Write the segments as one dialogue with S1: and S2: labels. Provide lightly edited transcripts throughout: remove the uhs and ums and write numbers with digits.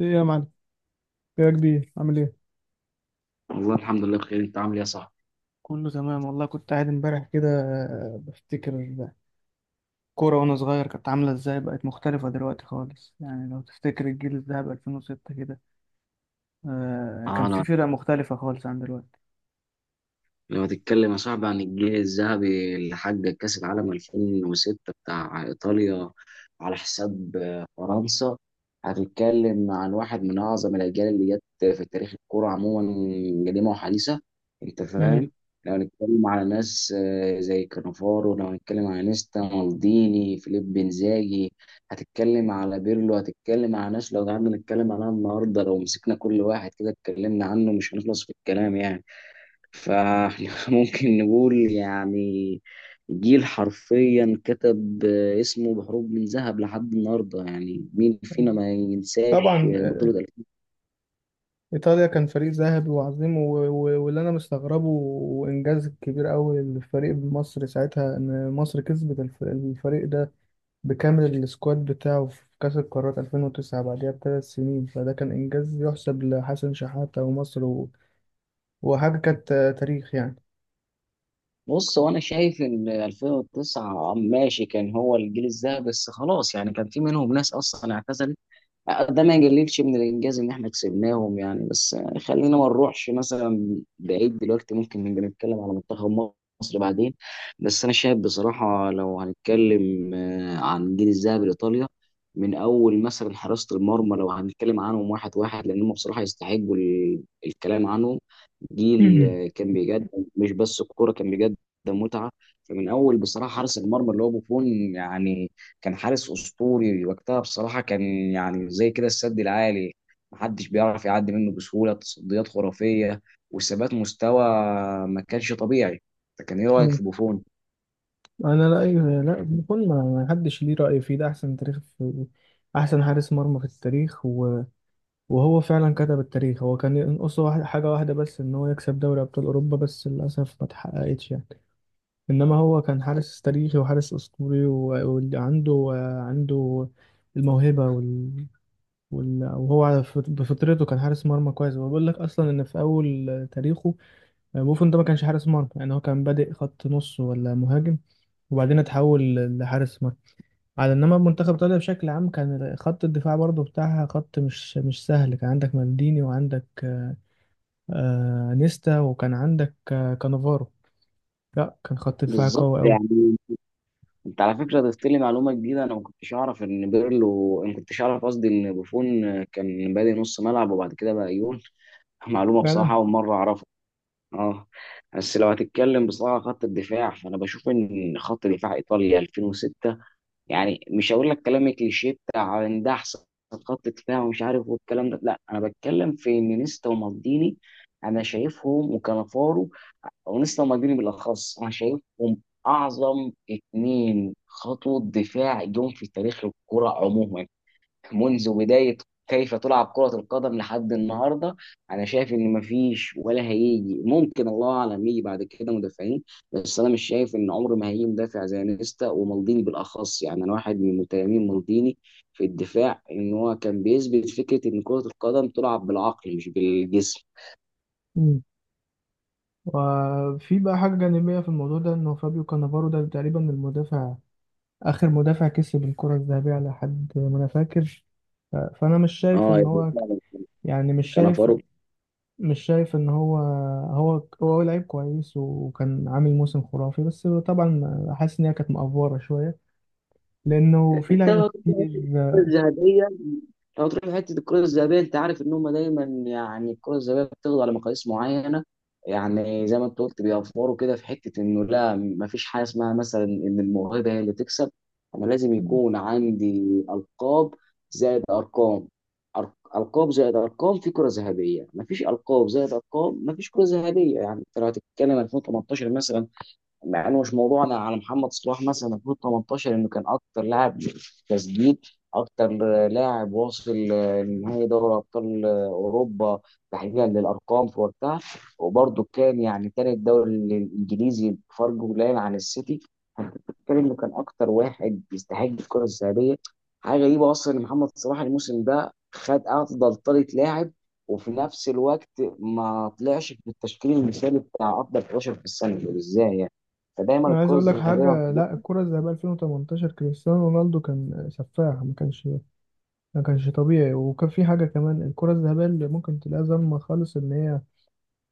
S1: ايه يا معلم، ايه يا كبير، عامل ايه؟
S2: والله الحمد لله بخير، انت عامل ايه يا صاحبي؟
S1: كله تمام والله. كنت قاعد امبارح كده، بفتكر كورة وانا صغير كانت عاملة ازاي، بقت مختلفة دلوقتي خالص. يعني لو تفتكر الجيل الذهبي 2006 كده، كان في
S2: انا
S1: فرق مختلفة خالص عن دلوقتي.
S2: لو هتتكلم يا صاحبي عن الجيل الذهبي اللي حقق كأس العالم 2006 بتاع إيطاليا على حساب فرنسا، هتتكلم عن واحد من أعظم الأجيال اللي جت في تاريخ الكرة عموما، قديمة وحديثة. أنت
S1: مم.
S2: فاهم؟ لو هنتكلم على ناس زي كانافارو، لو هنتكلم على نيستا مالديني فيليب بنزاجي، هتتكلم على بيرلو، هتتكلم على ناس لو قعدنا نتكلم عنها النهاردة، لو مسكنا كل واحد كده اتكلمنا عنه مش هنخلص في الكلام يعني. فاحنا ممكن نقول يعني جيل حرفيا كتب اسمه بحروف من ذهب لحد النهارده. يعني مين فينا ما ينساش
S1: طبعا.
S2: بطولة 2000.
S1: ايطاليا كان فريق ذهبي وعظيم، واللي انا مستغربه وانجاز كبير قوي للفريق بمصر ساعتها ان مصر كسبت الفريق ده بكامل السكواد بتاعه في كأس القارات 2009 بعدها ب3 سنين. فده كان إنجاز يحسب لحسن شحاتة ومصر، و... وحاجة كانت تاريخ يعني.
S2: بص، هو انا شايف ان 2009 ماشي، كان هو الجيل الذهبي، بس خلاص، يعني كان في منهم ناس اصلا اعتزلت. ده ما يقللش من الانجاز ان احنا كسبناهم يعني، بس خلينا ما نروحش مثلا بعيد، دلوقتي ممكن نبقى نتكلم على منتخب مصر بعدين. بس انا شايف بصراحه، لو هنتكلم عن جيل الذهب لايطاليا، من اول مثلا حراسه المرمى، لو هنتكلم عنهم واحد واحد، لان هم بصراحه يستحقوا ال- الكلام عنهم. جيل كان بيقدم مش بس الكوره، كان بيقدم متعه. فمن اول بصراحه حارس المرمى اللي هو بوفون، يعني كان حارس اسطوري وقتها بصراحه، كان يعني زي كده السد العالي، محدش بيعرف يعدي منه بسهوله، تصديات خرافيه وثبات مستوى ما كانش طبيعي. فكان ايه رايك
S1: مم.
S2: في بوفون؟
S1: أنا، لا أيوه، لا بكون، ما ما حدش ليه رأي فيه. ده أحسن تاريخ في، أحسن حارس مرمى في التاريخ. و... وهو فعلا كتب التاريخ. هو كان ينقصه حاجة واحدة بس، إن هو يكسب دوري أبطال أوروبا، بس للأسف ما اتحققتش يعني. إنما هو كان حارس تاريخي وحارس أسطوري، وعنده عنده الموهبة، وهو على بفطرته كان حارس مرمى كويس. هو بيقول لك اصلا ان في اول تاريخه، بوفون ده ما كانش حارس مرمى يعني. هو كان بادئ خط نص ولا مهاجم، وبعدين اتحول لحارس مرمى. على انما منتخب ايطاليا بشكل عام، كان خط الدفاع برضه بتاعها خط مش سهل. كان عندك مالديني، وعندك نيستا، وكان عندك كانافارو. لا، كان خط دفاع
S2: بالظبط
S1: قوي قوي.
S2: يعني. انت على فكره ضفت لي معلومه جديده، انا ما كنتش اعرف، قصدي ان بوفون كان بادئ نص ملعب وبعد كده بقى يقول. معلومه بصراحه
S1: فعلا.
S2: اول مره اعرفها. اه، بس لو هتتكلم بصراحه خط الدفاع، فانا بشوف ان خط دفاع ايطاليا 2006، يعني مش هقول لك كلام كليشيه بتاع ان ده احسن خط دفاع ومش عارف والكلام ده، لا انا بتكلم في ان نيستا ومالديني انا شايفهم، وكانافارو او نيستا ومالديني بالاخص انا شايفهم اعظم اتنين خطوة دفاع جم في تاريخ الكرة عموما، منذ بداية كيف تلعب كرة القدم لحد النهاردة. أنا شايف إن مفيش ولا هيجي، ممكن الله أعلم يجي بعد كده مدافعين، بس أنا مش شايف إن عمر ما هيجي مدافع زي نيستا ومالديني بالأخص. يعني أنا واحد من متيمين مالديني في الدفاع، إن هو كان بيثبت فكرة إن كرة القدم تلعب بالعقل مش بالجسم.
S1: مم. وفي بقى حاجة جانبية في الموضوع ده، إنه فابيو كانافارو ده تقريبا المدافع، آخر مدافع كسب الكرة الذهبية على حد ما أنا فاكر. فأنا مش شايف
S2: اه
S1: إن
S2: يعني
S1: هو،
S2: فعلا.
S1: يعني مش
S2: كان
S1: شايف
S2: فاروق.
S1: مش شايف إن هو لعيب كويس وكان عامل موسم خرافي، بس طبعا حاسس إن هي كانت مأفورة شوية لأنه في
S2: انت
S1: لعيبة
S2: لو هتروح لحتة الكرة
S1: كتير.
S2: الذهبية لو هتروح لحتة الكرة الذهبية، انت عارف ان هم دايما، يعني الكرة الذهبية بتاخد على مقاييس معينة. يعني زي ما انت قلت بيوفروا كده في حتة انه، لا مفيش حاجة اسمها مثلا ان الموهبة هي اللي تكسب. انا لازم يكون عندي القاب زائد ارقام، القاب زائد ارقام في كرة ذهبية. مفيش القاب زائد ارقام مفيش كرة ذهبية. يعني انت لو هتتكلم 2018 مثلا، مع انه مش موضوعنا، على محمد صلاح مثلا 2018، انه كان اكتر لاعب تسديد، اكتر لاعب واصل لنهائي دوري ابطال اوروبا تحديدا للارقام في وقتها، وبرضه كان يعني تالت دوري الانجليزي بفرق قليل عن السيتي. فأنت بتتكلم انه كان اكتر واحد يستحق الكره الذهبيه. حاجه غريبه اصلا ان محمد صلاح الموسم ده خد افضل طريقه لاعب، وفي نفس الوقت ما طلعش في التشكيل المثالي بتاع افضل 11 في السنه. ازاي يعني؟ فدايما
S1: أنا عايز
S2: الكرة
S1: أقول لك
S2: الذهبية ما
S1: حاجة.
S2: بتبقاش.
S1: لا، الكرة الذهبية 2018 كريستيانو رونالدو كان سفاح. ما كانش طبيعي. وكان في حاجة كمان، الكرة الذهبية اللي ممكن تلاقيها ظلمة خالص، إن هي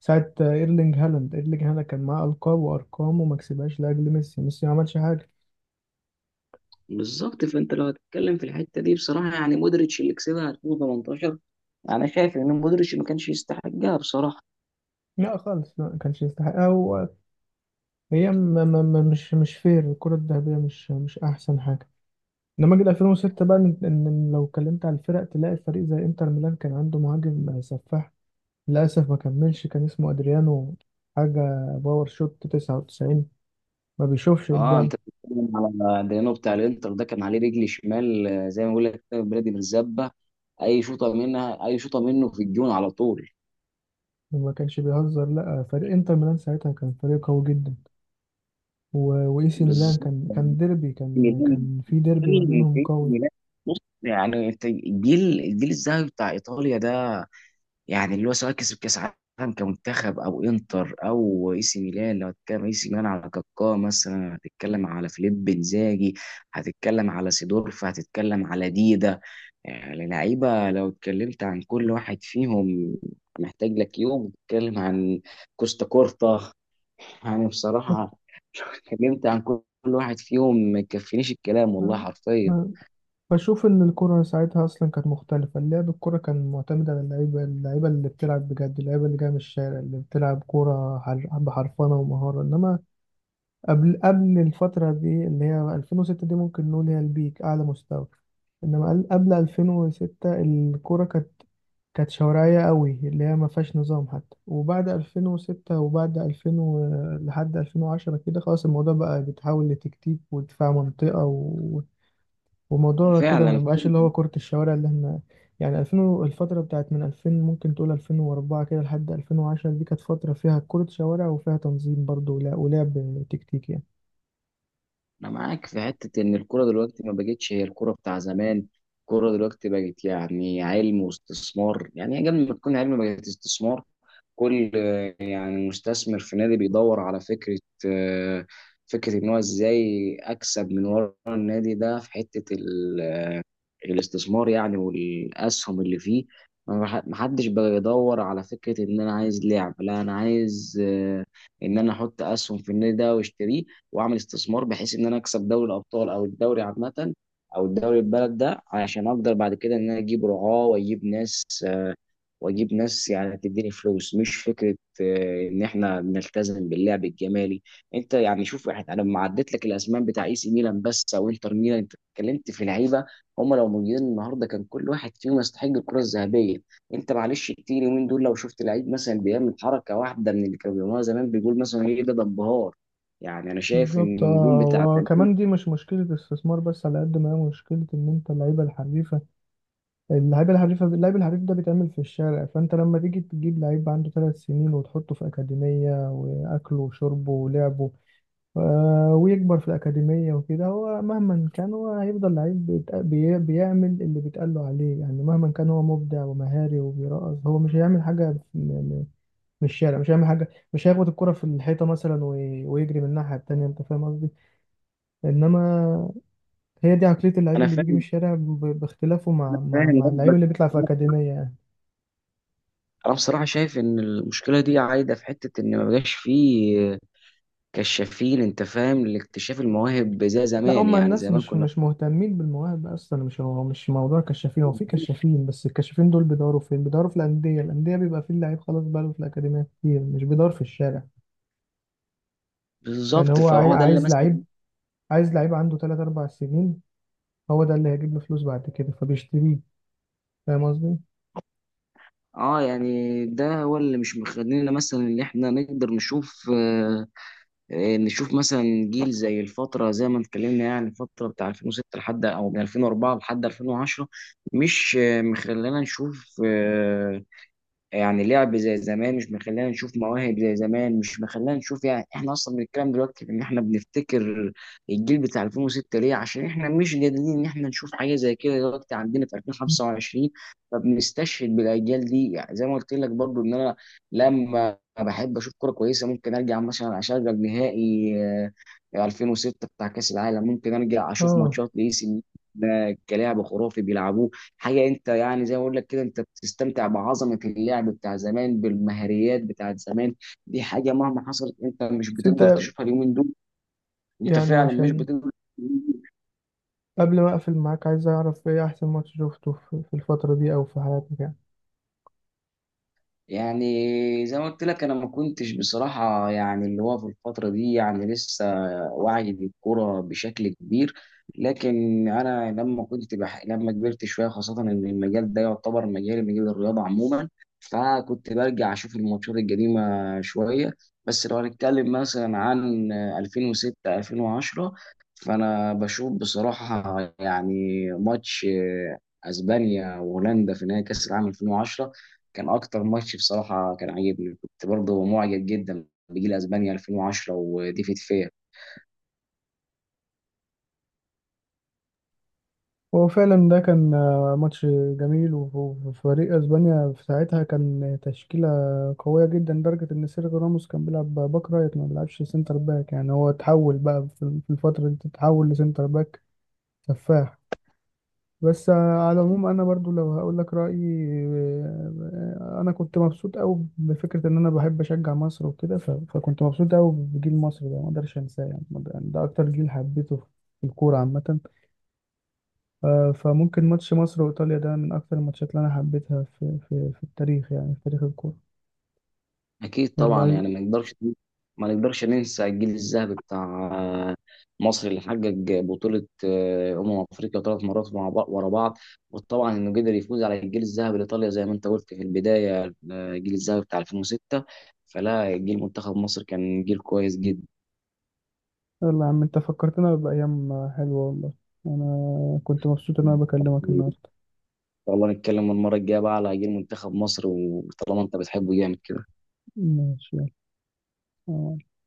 S1: ساعة ايرلينج هالاند كان معاه ألقاب وأرقام وما كسبهاش لأجل ميسي. ما عملش حاجة.
S2: بالظبط. فانت لو هتتكلم في الحته دي بصراحه، يعني مودريتش اللي كسبها 2018، انا شايف ان مودريتش ما كانش يستحقها بصراحه.
S1: لا خالص. لا، ما كانش يستحقها، وهي، مش فير. الكرة الذهبية مش أحسن حاجة. إنما جيل 2006 بقى، إن لو اتكلمت على الفرق تلاقي فريق زي إنتر ميلان كان عنده مهاجم سفاح، للأسف ما كملش، كان اسمه أدريانو. حاجة، باور شوت 99، ما بيشوفش
S2: اه
S1: قدامه.
S2: انت بتتكلم على ديانو بتاع الانتر، ده كان عليه رجل شمال زي ما بقول لك كده، بلادي بالزبه. اي شوطه منها اي شوطه منه في الجون على طول.
S1: وما كانش بيهزر، لا، فريق إنتر ميلان ساعتها كان فريق قوي جدا. واي سي ميلان،
S2: بالظبط.
S1: كان ديربي، كان
S2: ميلان،
S1: كان في ديربي ما
S2: ميلان،
S1: بينهم قوي.
S2: ميلان. بص، يعني الجيل الذهبي بتاع ايطاليا ده، يعني اللي هو سواء كسب كاس عالم كمنتخب او انتر او اي سي ميلان. لو هتتكلم اي سي ميلان على كاكا مثلا، هتتكلم على فيليب انزاجي، هتتكلم على سيدورف، هتتكلم على ديدا. يعني لعيبه لو اتكلمت عن كل واحد فيهم، محتاج لك يوم اتكلم عن كوستا كورتا. يعني بصراحه لو اتكلمت عن كل واحد فيهم ما يكفينيش الكلام والله
S1: بس-
S2: حرفيا.
S1: ب- بشوف ان الكرة ساعتها اصلا كانت مختلفة. اللعب، الكرة كان معتمد على اللعيبة، اللعيبة اللي بتلعب بجد، اللعيبة اللي جاية من الشارع، اللي بتلعب كرة بحرفنة ومهارة. انما قبل الفترة دي اللي هي 2006 دي، ممكن نقول هي البيك، أعلى مستوى. إنما قبل 2006 الكورة كانت، شوارعية قوي اللي هي ما فيهاش نظام حتى. وبعد 2006 وبعد 2000 لحد 2010 كده، خلاص، الموضوع بقى بيتحول لتكتيك ودفاع منطقة، و... وموضوع كده ما
S2: فعلا.
S1: بقاش اللي هو كرة الشوارع اللي احنا. يعني 2000 الفترة بتاعت من 2000 ممكن تقول 2004 كده لحد 2010، دي كانت فترة فيها كرة شوارع وفيها تنظيم برضه، ولعب تكتيكي يعني.
S2: انا معاك في حته ان الكوره دلوقتي ما بقتش هي الكوره بتاع زمان. الكوره دلوقتي بقت يعني علم واستثمار، يعني قبل ما تكون علم بقت استثمار. كل يعني مستثمر في نادي بيدور على فكره، آه، فكره ان هو ازاي اكسب من ورا النادي ده، في حته الاستثمار يعني والاسهم اللي فيه. ما حدش بقى يدور على فكره ان انا عايز لعب، لا انا عايز ان انا احط اسهم في النادي ده واشتريه، واعمل استثمار بحيث ان انا اكسب دوري الابطال او الدوري عامه او الدوري البلد ده، عشان اقدر بعد كده ان انا اجيب رعاه واجيب ناس واجيب ناس، يعني تديني فلوس، مش فكره ان احنا نلتزم باللعب الجمالي. انت يعني شوف احنا، انا لما عديت لك الاسماء بتاع اي سي ميلان بس او انتر ميلان، انت اتكلمت في لعيبه هم لو موجودين النهارده كان كل واحد فيهم يستحق الكره الذهبيه. انت معلش كتير اليومين دول لو شفت لعيب مثلا بيعمل حركه واحده من اللي كانوا بيعملوها زمان، بيقول مثلا ايه ده انبهار. يعني انا شايف ان
S1: بالظبط.
S2: النجوم
S1: اه،
S2: بتاع زمان.
S1: وكمان دي مش مشكلة استثمار بس، على قد ما هي مشكلة، إن أنت اللعيبة الحريفة، اللعيب الحريف ده بيتعمل في الشارع. فأنت لما تيجي تجيب لعيب عنده ثلاث سنين وتحطه في أكاديمية، وأكله وشربه ولعبه، ويكبر في الأكاديمية وكده، هو مهما كان هو هيفضل لعيب بيعمل اللي بيتقال له عليه. يعني مهما كان هو مبدع ومهاري وبيرقص، هو مش هيعمل حاجة من الشارع. مش هيعمل حاجة، مش هيخبط الكرة في الحيطة مثلا ويجري من الناحية التانية. أنت فاهم قصدي؟ انما هي دي عقليه اللعيب
S2: انا
S1: اللي بيجي من
S2: فاهم،
S1: الشارع، باختلافه
S2: انا
S1: مع مع
S2: فاهم
S1: مع اللعيب
S2: قصدك.
S1: اللي بيطلع في اكاديميه يعني.
S2: انا بصراحه شايف ان المشكله دي عايده في حته ان ما بقاش فيه كشافين، انت فاهم، لاكتشاف المواهب زي
S1: لا،
S2: زمان،
S1: هم
S2: يعني
S1: الناس
S2: زمان
S1: مش
S2: كنا.
S1: مش مهتمين بالمواهب اصلا. مش هو مش موضوع كشافين، هو في كشافين، بس الكشافين دول بيدوروا فين؟ بيدوروا في الانديه، الانديه بيبقى فيه اللعيب خلاص، بقاله في الاكاديميه كتير، مش بيدور في الشارع. يعني
S2: بالظبط.
S1: هو
S2: فهو ده اللي
S1: عايز
S2: مثلا.
S1: لعيب، عنده 3 4 سنين. هو ده اللي هيجيب له فلوس بعد كده، فبيشتريه. فاهم قصدي؟
S2: اه، يعني ده هو اللي مش مخلينا مثلا اللي احنا نقدر نشوف آه، نشوف مثلا جيل زي الفتره، زي ما اتكلمنا يعني الفتره بتاع 2006 لحد او من 2004 لحد 2010، مش مخلينا نشوف يعني لعب زي زمان، مش مخلينا نشوف مواهب زي زمان، مش مخلينا نشوف. يعني احنا اصلا بنتكلم دلوقتي ان احنا بنفتكر الجيل بتاع 2006 ليه؟ عشان احنا مش قادرين ان احنا نشوف حاجه زي كده دلوقتي عندنا في 2025، فبنستشهد بالاجيال دي. يعني زي ما قلت لك برضو ان انا لما بحب اشوف كوره كويسه، ممكن ارجع مثلا اشغل نهائي 2006 بتاع كاس العالم، ممكن ارجع اشوف
S1: اه،
S2: ماتشات لاي سي ميلان. ده كلاعب خرافي بيلعبوه. حاجه، انت يعني زي ما بقول لك كده، انت بتستمتع بعظمه اللعب بتاع زمان بالمهاريات بتاعت زمان. دي حاجه مهما حصلت انت مش
S1: بس
S2: بتقدر
S1: انت
S2: تشوفها اليومين دول. انت
S1: يعني،
S2: فعلا مش
S1: عشان
S2: بتقدر.
S1: قبل ما اقفل معاك، عايز اعرف ايه احسن ماتش شفته في الفترة دي او في حياتك يعني.
S2: يعني زي ما قلت لك انا ما كنتش بصراحه يعني اللي هو في الفتره دي، يعني لسه واعي بالكوره بشكل كبير. لكن انا لما كنت لما كبرت شويه، خاصه ان المجال ده يعتبر مجالي، مجال الرياضه عموما، فكنت برجع اشوف الماتشات القديمه شويه. بس لو هنتكلم مثلا عن 2006 2010، فانا بشوف بصراحه يعني ماتش اسبانيا وهولندا في نهائي كاس العالم 2010 كان اكتر ماتش بصراحه كان عاجبني. كنت برضه معجب جدا بجيل اسبانيا 2010 وديفيد فيا.
S1: هو فعلا ده كان ماتش جميل. وفريق اسبانيا في ساعتها كان تشكيلة قوية جدا، لدرجة ان سيرجيو راموس كان بيلعب باك رايت ما بيلعبش سنتر باك. يعني هو اتحول بقى في الفترة دي، تتحول لسنتر باك سفاح. بس على العموم انا برضو لو هقول لك رايي، انا كنت مبسوط قوي بفكره ان انا بحب اشجع مصر وكده. فكنت مبسوط قوي بجيل مصر ده، ما اقدرش انساه يعني. ما أقدر- ده اكتر جيل حبيته في الكوره عامه. فممكن ماتش مصر وايطاليا ده من اكتر الماتشات اللي انا حبيتها في التاريخ يعني، في تاريخ الكوره.
S2: اكيد
S1: يلا
S2: طبعا.
S1: عايز-
S2: يعني ما نقدرش ننسى الجيل الذهبي بتاع مصر، اللي حقق بطوله افريقيا 3 مرات مع بعض ورا بعض، وطبعا انه قدر يفوز على الجيل الذهبي لايطاليا زي ما انت قلت في البدايه، الجيل الذهبي بتاع 2006. فلا، جيل منتخب مصر كان جيل كويس جدا.
S1: يلا يا عم، انت فكرتنا بايام حلوه والله. انا كنت مبسوط ان انا
S2: ان
S1: بكلمك النهارده.
S2: شاء الله نتكلم المره الجايه بقى على جيل منتخب مصر، وطالما انت بتحبه جامد كده.
S1: ماشي. يلا.